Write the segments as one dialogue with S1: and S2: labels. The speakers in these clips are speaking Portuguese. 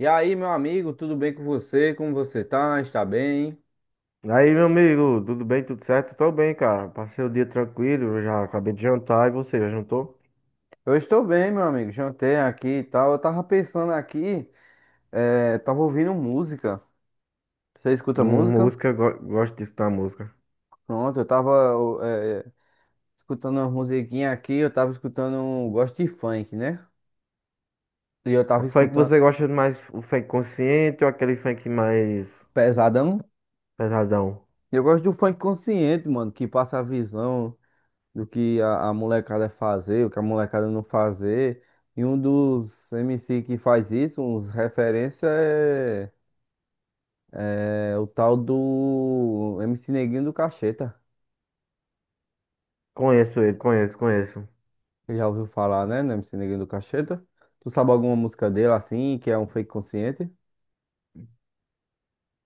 S1: E aí, meu amigo, tudo bem com você? Como você tá? Está bem?
S2: Aí, meu amigo, tudo bem, tudo certo? Tô bem, cara. Passei o dia tranquilo, já acabei de jantar e você, já jantou?
S1: Eu estou bem, meu amigo. Jantei aqui e tal. Eu tava pensando aqui, tava ouvindo música. Você escuta música?
S2: Música, gosto disso da música.
S1: Pronto, eu tava eh, escutando uma musiquinha aqui. Eu tava escutando, gosto de funk, né? E eu
S2: O
S1: tava
S2: funk
S1: escutando
S2: você gosta mais, o funk consciente ou aquele funk mais
S1: pesadão.
S2: pesadão?
S1: E eu gosto do funk consciente, mano, que passa a visão do que a molecada fazer, o que a molecada não fazer. E um dos MC que faz isso, uns referência é. O tal do MC Neguinho do Cacheta.
S2: Conheço ele, conheço, conheço.
S1: Você já ouviu falar, né? No MC Neguinho do Cacheta. Tu sabe alguma música dele assim, que é um fake consciente?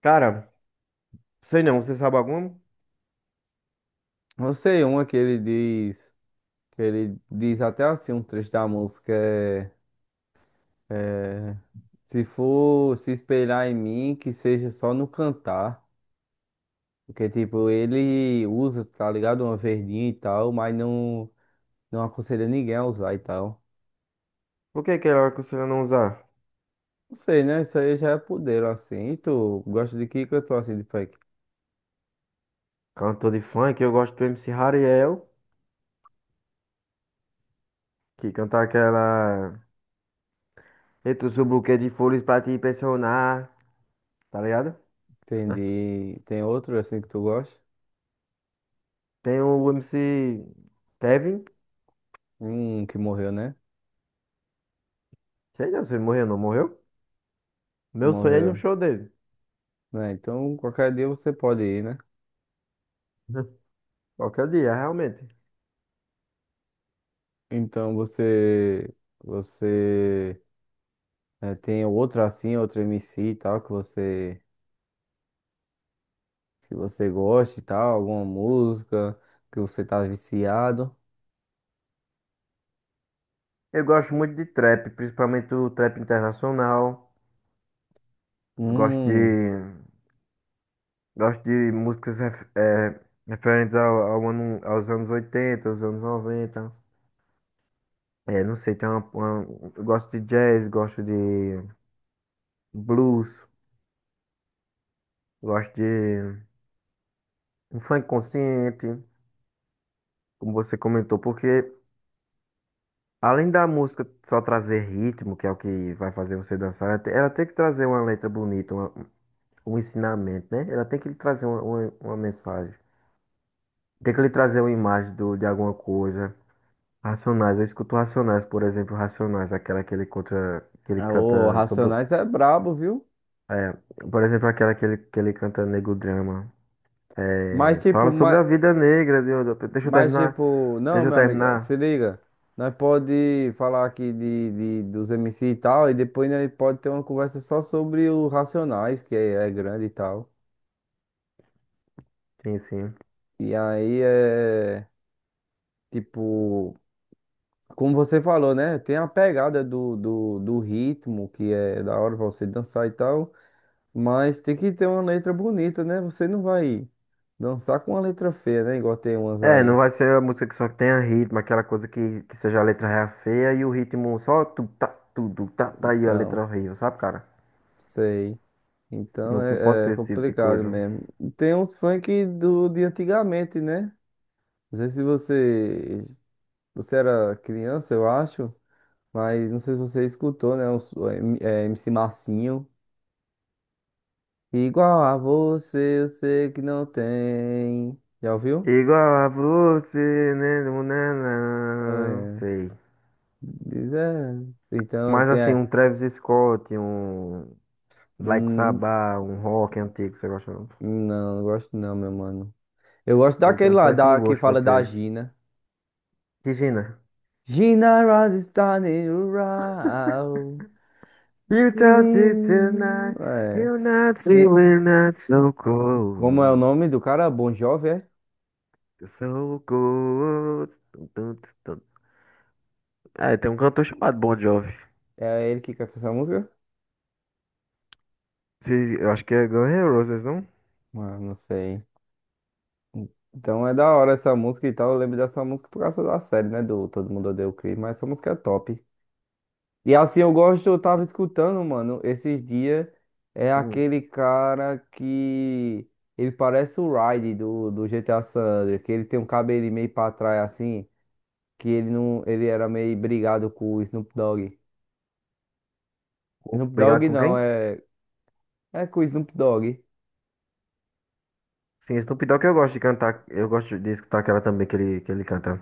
S2: Cara, sei não, você sabe algum?
S1: Eu sei uma que ele diz. Que ele diz até assim, um trecho da música é: se for se espelhar em mim, que seja só no cantar. Porque, tipo, ele usa, tá ligado? Uma verdinha e tal, mas não, não aconselha ninguém a usar e tal.
S2: Por que que ela aconselha não usar?
S1: Não sei, né? Isso aí já é poder, assim. E tu gosta de que cantor assim de funk?
S2: Cantor de funk, eu gosto do MC Hariel, que canta aquela. Entre o seu buquê de flores pra te impressionar, tá ligado?
S1: Entendi. Tem outro assim que tu gosta?
S2: Tem o MC Kevin.
S1: Um que morreu, né?
S2: Sei não, se ele morreu ou não morreu. Meu sonho é ir no
S1: Morreu.
S2: show dele.
S1: Né? Então, qualquer dia você pode ir, né?
S2: Qualquer dia, realmente.
S1: Então, você. Você. Tem outro assim, outro MC e tal, que você. Que você gosta e tal, alguma música que você tá viciado.
S2: Eu gosto muito de trap, principalmente o trap internacional. Gosto
S1: Hum.
S2: de, gosto de músicas referentes ao, ano, aos anos 80, aos anos 90. É, não sei, tem uma, eu gosto de jazz, gosto de blues, gosto de um funk consciente, como você comentou, porque além da música só trazer ritmo, que é o que vai fazer você dançar, ela ela tem que trazer uma letra bonita, um ensinamento, né? Ela tem que lhe trazer uma mensagem. Tem que lhe trazer uma imagem de alguma coisa. Racionais, eu escuto Racionais, por exemplo, Racionais, aquela que ele conta, que ele
S1: Ah, o
S2: canta sobre,
S1: Racionais é brabo, viu?
S2: é, por exemplo, aquela que ele canta Negro Drama.
S1: Mas,
S2: É, fala
S1: tipo,
S2: sobre
S1: mas,
S2: a vida negra, deixa eu
S1: Mas
S2: terminar,
S1: tipo, não,
S2: deixa eu
S1: meu amigo, se
S2: terminar.
S1: liga. Nós pode falar aqui dos MC e tal, e depois nós pode ter uma conversa só sobre os Racionais, que é grande e tal.
S2: Sim, sim.
S1: E aí é tipo, como você falou, né? Tem a pegada do ritmo, que é da hora pra você dançar e tal, mas tem que ter uma letra bonita, né? Você não vai dançar com uma letra feia, né? Igual tem umas
S2: É, não
S1: aí.
S2: vai ser a música que só tenha ritmo, aquela coisa que seja a letra ré feia e o ritmo só tu tá tudo tá tá e a
S1: Então,
S2: letra horrível, sabe, cara?
S1: sei. Então
S2: Não, não pode
S1: é
S2: ser esse tipo de
S1: complicado
S2: coisa.
S1: mesmo. Tem uns funk do, de antigamente, né? Não sei se você, você era criança, eu acho, mas não sei se você escutou, né? Uns, MC Marcinho. Igual a você, eu sei que não tem. Já ouviu?
S2: Igual a você, né, não, né, não,
S1: É,
S2: sei.
S1: diz, é. Então
S2: Mas
S1: tem.
S2: assim,
S1: É,
S2: um Travis Scott, um Black
S1: hum,
S2: Sabbath, um rock antigo, você gosta não?
S1: não, não gosto não, meu mano. Eu gosto
S2: Ele tem
S1: daquele
S2: um
S1: lá,
S2: péssimo
S1: da, que
S2: gosto,
S1: fala da
S2: você.
S1: Gina.
S2: Regina.
S1: Gina Rod está in
S2: You talk to
S1: Menino.
S2: tonight,
S1: É.
S2: you're not see
S1: Quem-
S2: we're not so
S1: Como é o
S2: cold.
S1: nome do cara? Bon Jovi, é?
S2: Eu sou good. Tum, tum, tum, tum. É, tem um cantor chamado Bon Jovi.
S1: É ele que canta essa música?
S2: Eu acho que é Guns N' Roses, não?
S1: Mano, não sei. Então é da hora essa música e tal. Eu lembro dessa música por causa da série, né? Do Todo Mundo Odeia o Chris, mas essa música é top. E assim, eu gosto, eu tava escutando, mano, esses dias. É
S2: Hum.
S1: aquele cara que. Ele parece o Raiden do GTA San Andreas, que ele tem um cabelinho meio pra trás assim, que ele não, ele era meio brigado com o Snoop Dogg. Snoop
S2: Obrigado
S1: Dogg
S2: com
S1: não,
S2: quem?
S1: é. É com o Snoop Dogg?
S2: Sim, Snoop Dogg eu gosto de cantar. Eu gosto de escutar aquela também que ele canta.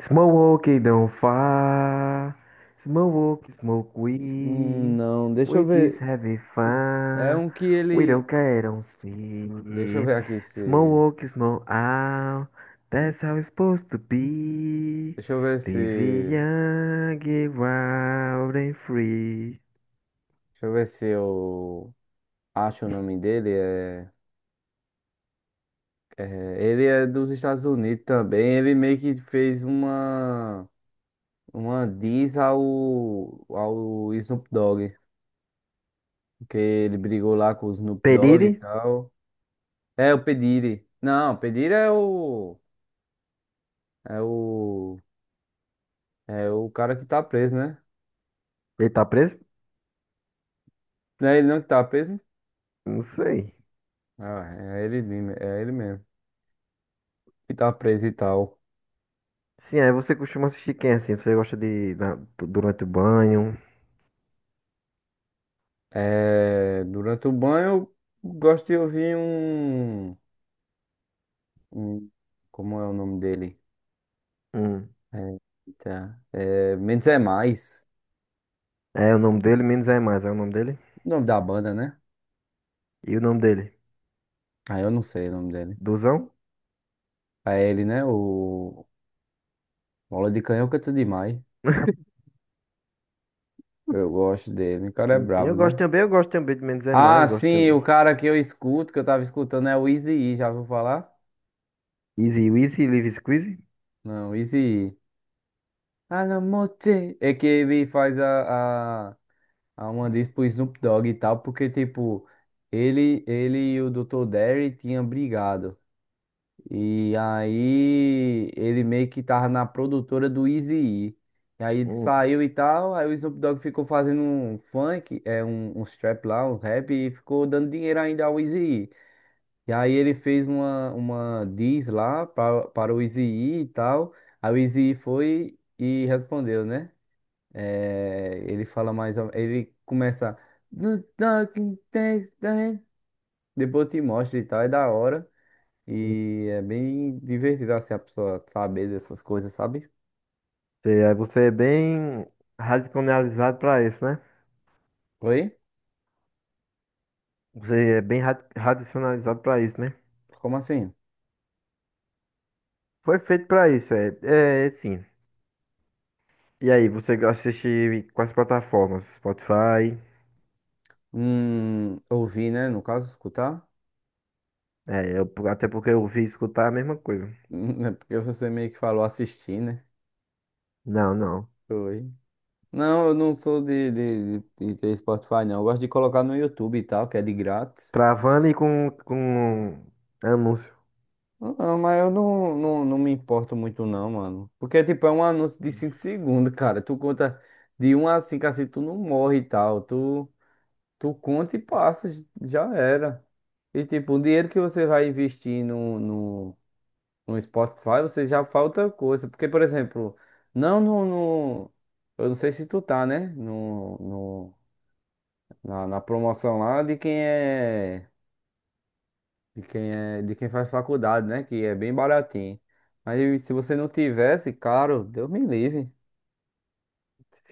S2: Smoke, don't fire. Smoke, smoke we.
S1: Não, deixa
S2: We
S1: eu
S2: just
S1: ver.
S2: having
S1: É
S2: fun.
S1: um que
S2: We
S1: ele.
S2: don't care, don't
S1: Deixa eu
S2: see.
S1: ver aqui se.
S2: Smoke, smoke out. That's how it's supposed to be.
S1: Deixa eu ver
S2: Live
S1: se.
S2: young, get wild and free.
S1: Deixa eu ver se eu acho o nome dele. Ele é dos Estados Unidos também. Ele meio que fez uma. Uma diss ao Snoop Dogg. Porque ele brigou lá com o Snoop Dogg e
S2: Pedire?
S1: tal. É o P. Diddy. Não, o P. Diddy é o. É o. É o cara que tá preso, né?
S2: Ele tá preso?
S1: Não é ele não que tá preso?
S2: Não sei.
S1: Ah, é ele, mesmo, é ele mesmo. Que tá preso e tal.
S2: Sim, aí você costuma assistir quem assim? Você gosta durante o banho?
S1: É, durante o banho, eu gosto de ouvir um. Como é o nome dele?
S2: Hum.
S1: É, eita, Menos é Mais.
S2: É o nome dele, menos é mais. É o nome dele?
S1: O nome da banda, né?
S2: E o nome dele?
S1: Ah, eu não sei o nome dele.
S2: Duzão?
S1: É ele, né? O Bola de Canhão canta demais. Eu gosto dele. O cara é
S2: Sim, sim.
S1: brabo, né?
S2: Eu gosto também de Menos é
S1: Ah,
S2: Mais, gosto
S1: sim,
S2: também.
S1: o cara que eu escuto, que eu tava escutando, é o Eazy-E, já ouviu falar?
S2: Easy Wheezy, Live Squeezy?
S1: Não, Eazy-E. Ah, não, mote. É que ele faz a uma diz pro Snoop Dogg e tal, porque, tipo, ele e o Dr. Dre tinham brigado. E aí ele meio que tava na produtora do Eazy-E. E aí ele
S2: Hum.
S1: saiu e tal, aí o Snoop Dogg ficou fazendo um funk, é um strap lá, um rap, e ficou dando dinheiro ainda ao Eazy-E. E aí ele fez uma diss lá para o Eazy-E e tal. Aí o Eazy-E foi e respondeu, né? É, ele fala mais. Ele começa. "No talking test, eh", depois te mostra e tal, é da hora. E é bem divertido assim a pessoa saber dessas coisas, sabe?
S2: Sei, aí você é bem radicalizado pra isso, né?
S1: Oi?
S2: Você é bem radicionalizado pra isso, né?
S1: Como assim?
S2: Foi feito pra isso, é, é, é sim. E aí, você assiste em quais plataformas? Spotify?
S1: Ouvir, né? No caso, escutar?
S2: É, eu, até porque eu ouvi escutar a mesma coisa.
S1: É porque você meio que falou assistir, né?
S2: Não, não.
S1: Oi. Não, eu não sou de ter Spotify, não. Eu gosto de colocar no YouTube e tal, que é de grátis.
S2: Travando e com anúncio.
S1: Não, não, mas eu não, não, não me importo muito não, mano. Porque, tipo, é um anúncio de 5 segundos, cara. Tu conta de um a 5 assim, tu não morre e tal. Tu, tu conta e passa, já era. E, tipo, o dinheiro que você vai investir no Spotify, você já falta coisa. Porque, por exemplo, não no, no... Eu não sei se tu tá, né? No, no, na, na promoção lá de quem é... De quem é, de quem faz faculdade, né? Que é bem baratinho. Mas se você não tivesse, caro, Deus me livre.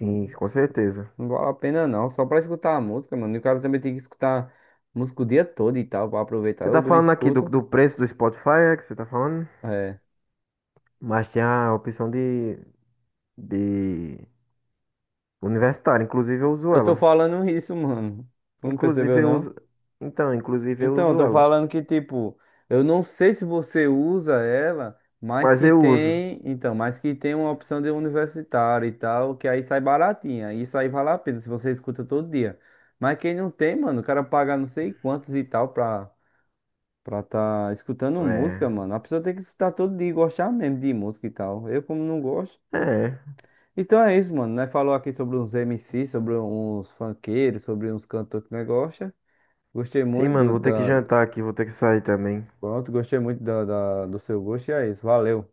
S1: Não
S2: com certeza.
S1: não vale a pena não. Só pra escutar a música, mano. E o cara também tem que escutar música o dia todo e tal, pra aproveitar.
S2: Você
S1: Eu
S2: tá
S1: dou um
S2: falando aqui do,
S1: escuto.
S2: do preço do Spotify, é que você tá falando?
S1: É.
S2: Mas tem a opção de universitário. Inclusive eu uso
S1: Eu tô
S2: ela.
S1: falando isso, mano. Não percebeu,
S2: Inclusive eu
S1: não?
S2: uso. Então, inclusive eu
S1: Então, eu
S2: uso
S1: tô
S2: ela.
S1: falando que, tipo, eu não sei se você usa ela, mas
S2: Mas
S1: que
S2: eu uso.
S1: tem, então, mas que tem uma opção de universitário e tal, que aí sai baratinha. Isso aí vale a pena se você escuta todo dia. Mas quem não tem, mano, o cara paga não sei quantos e tal pra, pra tá escutando
S2: É.
S1: música, mano. A pessoa tem que escutar todo dia e gostar mesmo de música e tal. Eu, como não gosto.
S2: É.
S1: Então é isso, mano. Nós falou aqui sobre uns MC, sobre uns funkeiros, sobre uns cantores que nós gosta. Gostei
S2: Sim,
S1: muito
S2: mano,
S1: do,
S2: vou ter que
S1: da,
S2: jantar aqui, vou ter que sair também.
S1: Pronto, gostei muito do seu gosto e é isso. Valeu.